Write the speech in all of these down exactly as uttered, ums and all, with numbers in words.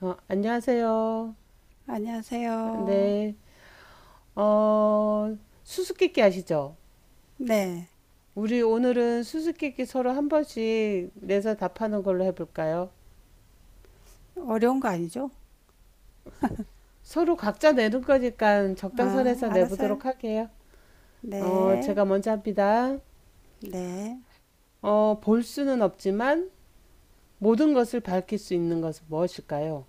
어, 안녕하세요. 안녕하세요. 네. 어, 수수께끼 아시죠? 네. 우리 오늘은 수수께끼 서로 한 번씩 내서 답하는 걸로 해볼까요? 어려운 거 아니죠? 서로 각자 내는 거니까 아, 적당선에서 알았어요. 내보도록 할게요. 어, 네. 제가 먼저 합니다. 네. 어, 볼 수는 없지만 모든 것을 밝힐 수 있는 것은 무엇일까요?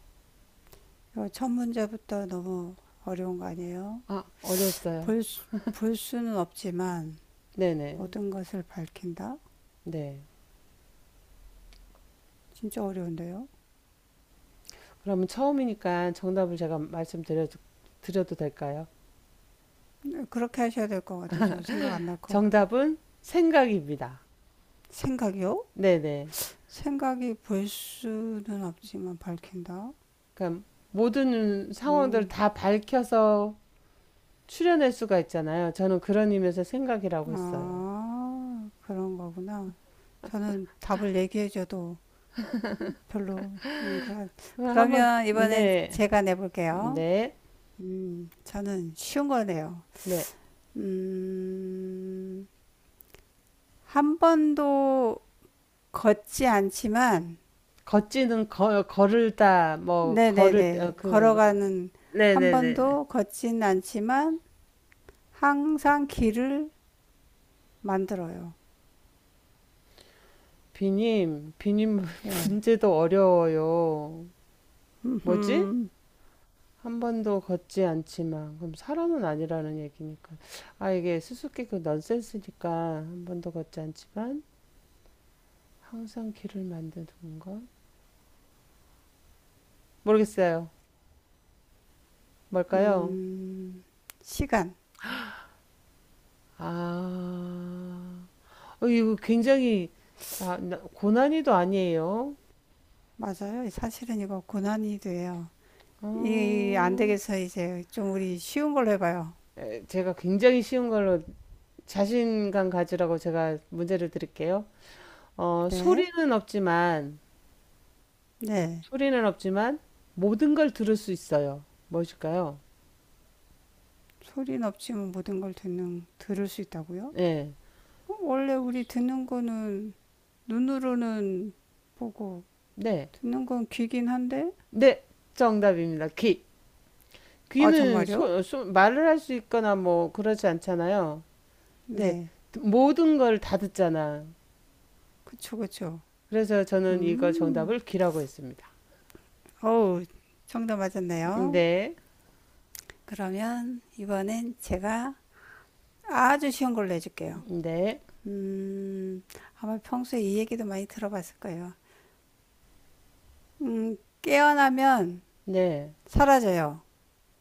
요 첫 문제부터 너무 어려운 거 아니에요? 아, 어려웠어요. 볼, 수- 볼 수는 없지만 네네. 모든 것을 밝힌다? 네. 진짜 어려운데요? 그러면 처음이니까 정답을 제가 말씀드려, 드려도 될까요? 네, 그렇게 하셔야 될 것 같아요. 저 생각 안 날 것 같아요. 정답은 생각입니다. 생각이요? 네네. 생각이 볼 수는 없지만 밝힌다? 그러니까 모든 상황들을 음, 다 밝혀서 추려낼 수가 있잖아요. 저는 그런 의미에서 생각이라고 했어요. 아, 그런 거구나. 저는 답을 얘기해줘도 별로. 음, 그럼, 그럼 한번, 그러면 이번엔 네, 제가 내볼게요. 네, 음, 저는 쉬운 거네요. 네. 음, 한 번도 걷지 않지만, 걷지는 거, 걸을다, 뭐, 걸을 때, 어, 네네네. 그거, 걸어가는, 한 네네네네. 번도 걷진 않지만, 항상 길을 만들어요. 비님, 비님 네. 문제도 어려워요. 뭐지? 음흠. 한 번도 걷지 않지만, 그럼 사람은 아니라는 얘기니까. 아, 이게 수수께끼 그 넌센스니까, 한 번도 걷지 않지만, 항상 길을 만드는 건? 모르겠어요. 뭘까요? 음, 시간. 아, 어, 이거 굉장히 나- 나- 고난이도 아니에요. 맞아요. 사실은 이거 고난이 돼요. 이, 안 어, 되겠어. 이제 좀 우리 쉬운 걸로 해봐요. 제가 굉장히 쉬운 걸로 자신감 가지라고 제가 문제를 드릴게요. 어, 네. 소리는 없지만, 네. 소리는 없지만 모든 걸 들을 수 있어요. 무엇일까요? 소리는 없지만 모든 걸 듣는, 들을 수 있다고요? 네, 어, 원래 우리 듣는 거는 눈으로는 보고, 네, 듣는 건 귀긴 한데? 네, 정답입니다. 귀. 아, 귀는 정말요? 소- 소- 말을 할 수 있거나 뭐 그러지 않잖아요. 네, 네. 모든 걸 다 듣잖아. 그쵸, 그쵸. 그래서 저는 이거 음. 정답을 귀라고 했습니다. 어우, 정답 맞았네요. 네, 그러면 이번엔 제가 아주 쉬운 걸로 해줄게요. 네, 음, 아마 평소에 이 얘기도 많이 들어봤을 거예요. 음, 깨어나면 네. 사라져요.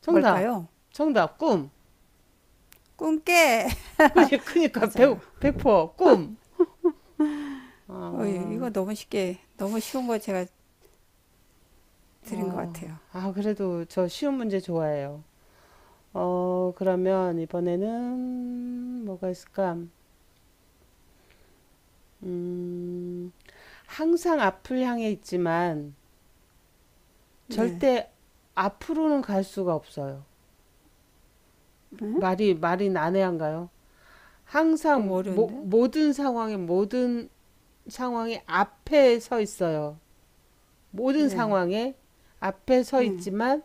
정답, 뭘까요? 정답, 꿈. 꿈깨! 그니, 그니까, 백, 맞아요. 백퍼, 꿈. 어휴, 아, 이거 너무 쉽게, 너무 쉬운 거 제가 드린 것 아, 같아요. 아, 그래도 저 쉬운 문제 좋아해요. 어, 그러면 이번에는 뭐가 있을까? 음, 항상 앞을 향해 있지만 네. 절대 앞으로는 갈 수가 없어요. 말이, 말이 난해한가요? 너무 항상 모, 어려운데? 모든 상황에 모든 상황이 앞에 서 있어요. 모든 네. 상황에 앞에 서 네. 있지만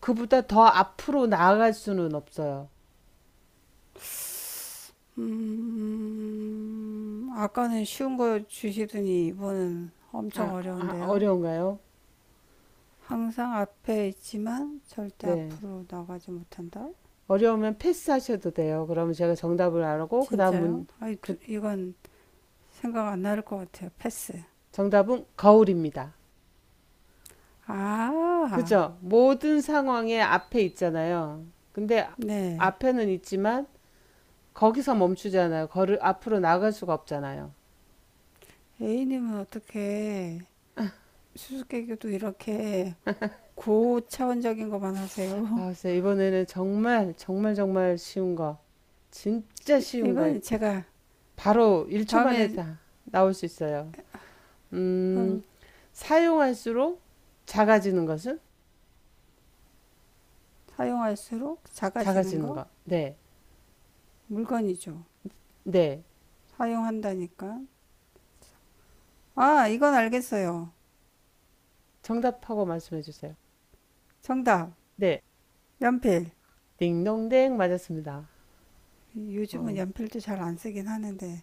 그보다 더 앞으로 나아갈 수는 없어요. 음, 아까는 쉬운 거 주시더니 이번은 엄청 아, 아, 어려운데요. 어려운가요? 항상 앞에 있지만 절대 네. 앞으로 나가지 못한다? 어려우면 패스하셔도 돼요. 그러면 제가 정답을 알고 그다음 진짜요? 문, 아이, 그 두- 이건 생각 안 나를 것 같아요. 패스. 정답은 거울입니다. 아, 그죠? 모든 상황에 앞에 있잖아요. 근데 네. 앞에는 있지만 거기서 멈추잖아요. 거를 앞으로 나갈 수가 없잖아요. A님은 어떻게 수수께끼도 이렇게 고차원적인 것만 하세요? 아, 진짜 이번에는 정말, 정말, 정말 쉬운 거. 진짜 쉬운 거. 이번에 제가 바로 일 초 만에 다음에 다 나올 수 있어요. 음, 그럼 사용할수록 작아지는 것은? 사용할수록 작아지는 작아지는 거 것. 네. 물건이죠. 네. 사용한다니까. 아, 이건 알겠어요. 정답하고 말씀해 주세요. 정답. 네. 연필. 딩동댕 맞았습니다. 요즘은 어, 연필도 잘 안 쓰긴 하는데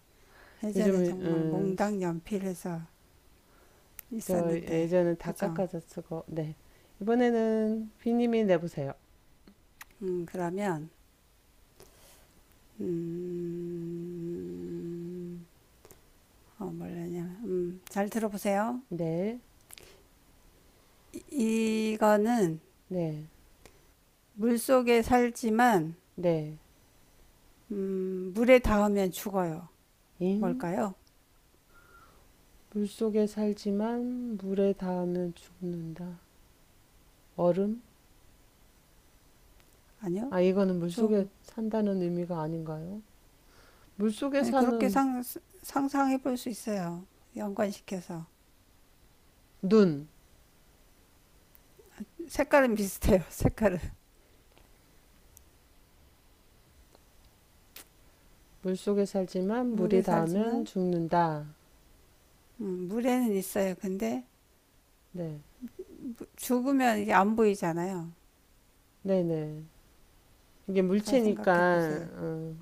요즘, 예전에 정말 음, 몽당 연필해서 저 있었는데 예전에 다 그죠? 깎아서 쓰고, 네. 이번에는 비님이 내보세요. 음, 그러면 음, 어, 뭐라냐? 음, 잘 들어보세요. 네. 이, 이거는 네. 물 속에 살지만 네. 음, 물에 닿으면 죽어요. 잉. 뭘까요? 물속에 살지만 물에 닿으면 죽는다. 얼음? 아니요. 아, 이거는 물속에 좀 산다는 의미가 아닌가요? 물속에 아니 그렇게 사는 상, 상상해 볼 수 있어요. 연관시켜서 눈. 색깔은 비슷해요. 색깔은 물속에 살지만 물이 물에 닿으면 살지만 죽는다. 음, 물에는 있어요. 근데 네. 죽으면 이게 안 보이잖아요. 네네. 이게 잘 생각해 물체니까, 보세요. 어,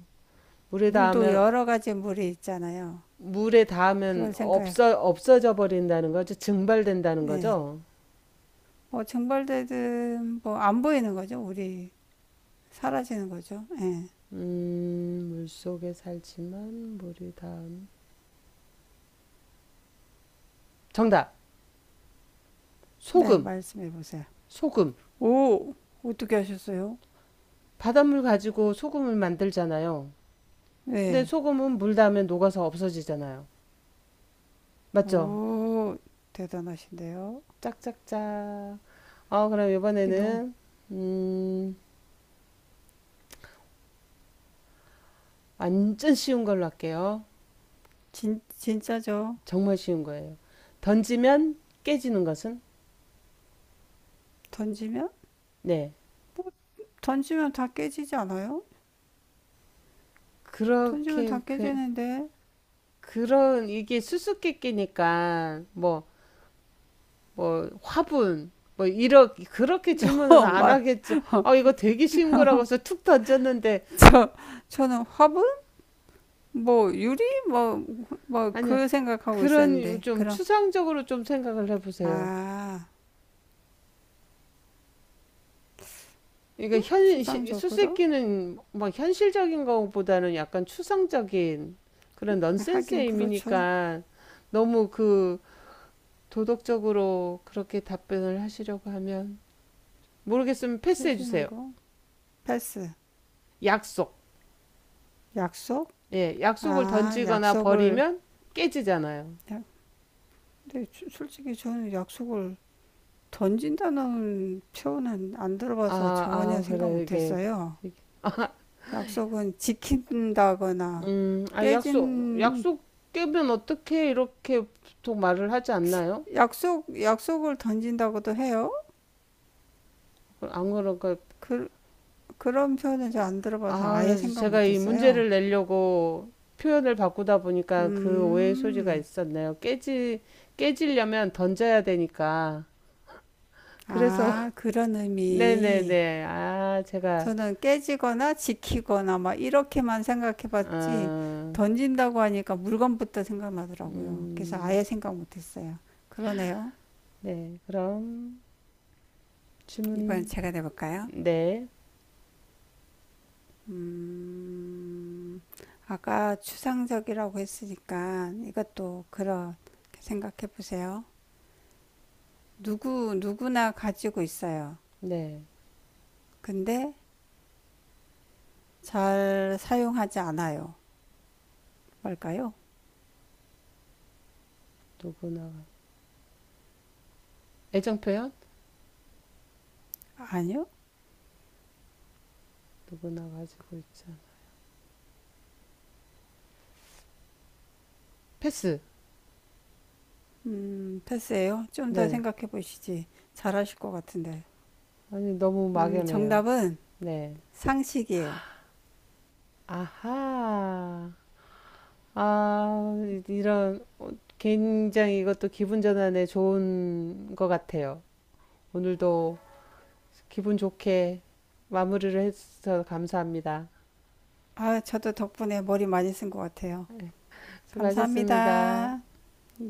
물에 물도 닿으면, 여러 가지 물이 있잖아요. 물에 닿으면 그걸 생각해. 없어, 없어져 버린다는 거죠. 증발된다는 예. 거죠. 뭐 증발되든 뭐 안 보이는 거죠. 우리 사라지는 거죠. 예. 음, 물속에 살지만 물이 닿음. 정답! 네, 소금! 말씀해 보세요. 소금! 오, 어떻게 하셨어요? 바닷물 가지고 소금을 만들잖아요. 근데 네. 소금은 물 닿으면 녹아서 없어지잖아요. 맞죠? 오, 대단하신데요. 짝짝짝. 어, 그럼 이게 너무 이번에는, 음, 완전 쉬운 걸로 할게요. 진, 진짜죠. 정말 쉬운 거예요. 던지면 깨지는 것은? 던지면? 네. 뭐, 던지면 다 깨지지 않아요? 던지면 그렇게, 다 그, 깨지는데. 그런, 이게 수수께끼니까, 뭐, 뭐, 화분, 뭐, 이렇게, 그렇게 질문은 어, 안 말, 하겠죠. 아, 이거 되게 쉬운 거라고 해서 툭 던졌는데, 저, 저는 화분? 뭐, 유리? 뭐, 뭐, 아니, 그 생각하고 그런 있었는데. 좀 그럼, 추상적으로 좀 생각을 해보세요. 아, 그러니까 현, 시- 추상적으로? 수수께끼는 막 현실적인 것보다는 약간 추상적인 그런 하긴 넌센스의 그렇죠. 의미니까 너무 그 도덕적으로 그렇게 답변을 하시려고 하면 모르겠으면 패스해 깨지는 주세요. 거. 패스. 약속. 약속? 예, 약속을 아, 던지거나 약속을. 버리면 깨지잖아요. 야, 근데 주- 솔직히 저는 약속을 던진다는 표현은 안 아, 들어봐서 전혀 아, 생각 그래, 이게. 못했어요. 약속은 지킨다거나 음, 아, 약속, 깨진 약속 깨면 어떻게 이렇게 보통 말을 하지 않나요? 약속 약속을 던진다고도 해요. 안 그러니까 그, 그런 표현은 잘 안 들어봐서 아 아예 그래서 생각 제가 이 못했어요. 문제를 내려고 표현을 바꾸다 보니까 그 오해의 소지가 음, 있었네요. 깨지 깨지려면 던져야 되니까 그래서 아 그런 의미. 네네네 아 제가 저는 깨지거나 지키거나 막 이렇게만 생각해봤지 아, 던진다고 하니까 물건부터 생각나더라고요. 그래서 음, 아예 생각 못했어요. 그러네요. 네 그럼 이번엔 질문 제가 내볼까요? 네네 음, 아까 추상적이라고 했으니까 이것도 그런 생각해 보세요. 누구, 누구나 가지고 있어요. 네. 근데 잘 사용하지 않아요. 뭘까요? 누구나 애정 표현 아니요? 누구나 가지고 있죠 패스 음, 패스예요. 좀 더 네 생각해 보시지. 잘하실 것 같은데. 아니 너무 음, 막연해요 정답은 네 상식이에요. 아하 아, 이런, 굉장히 이것도 기분 전환에 좋은 것 같아요. 오늘도 기분 좋게 마무리를 해주셔서 감사합니다. 아, 저도 덕분에 머리 많이 쓴 것 같아요. 네, 수고하셨습니다. 감사합니다. 네.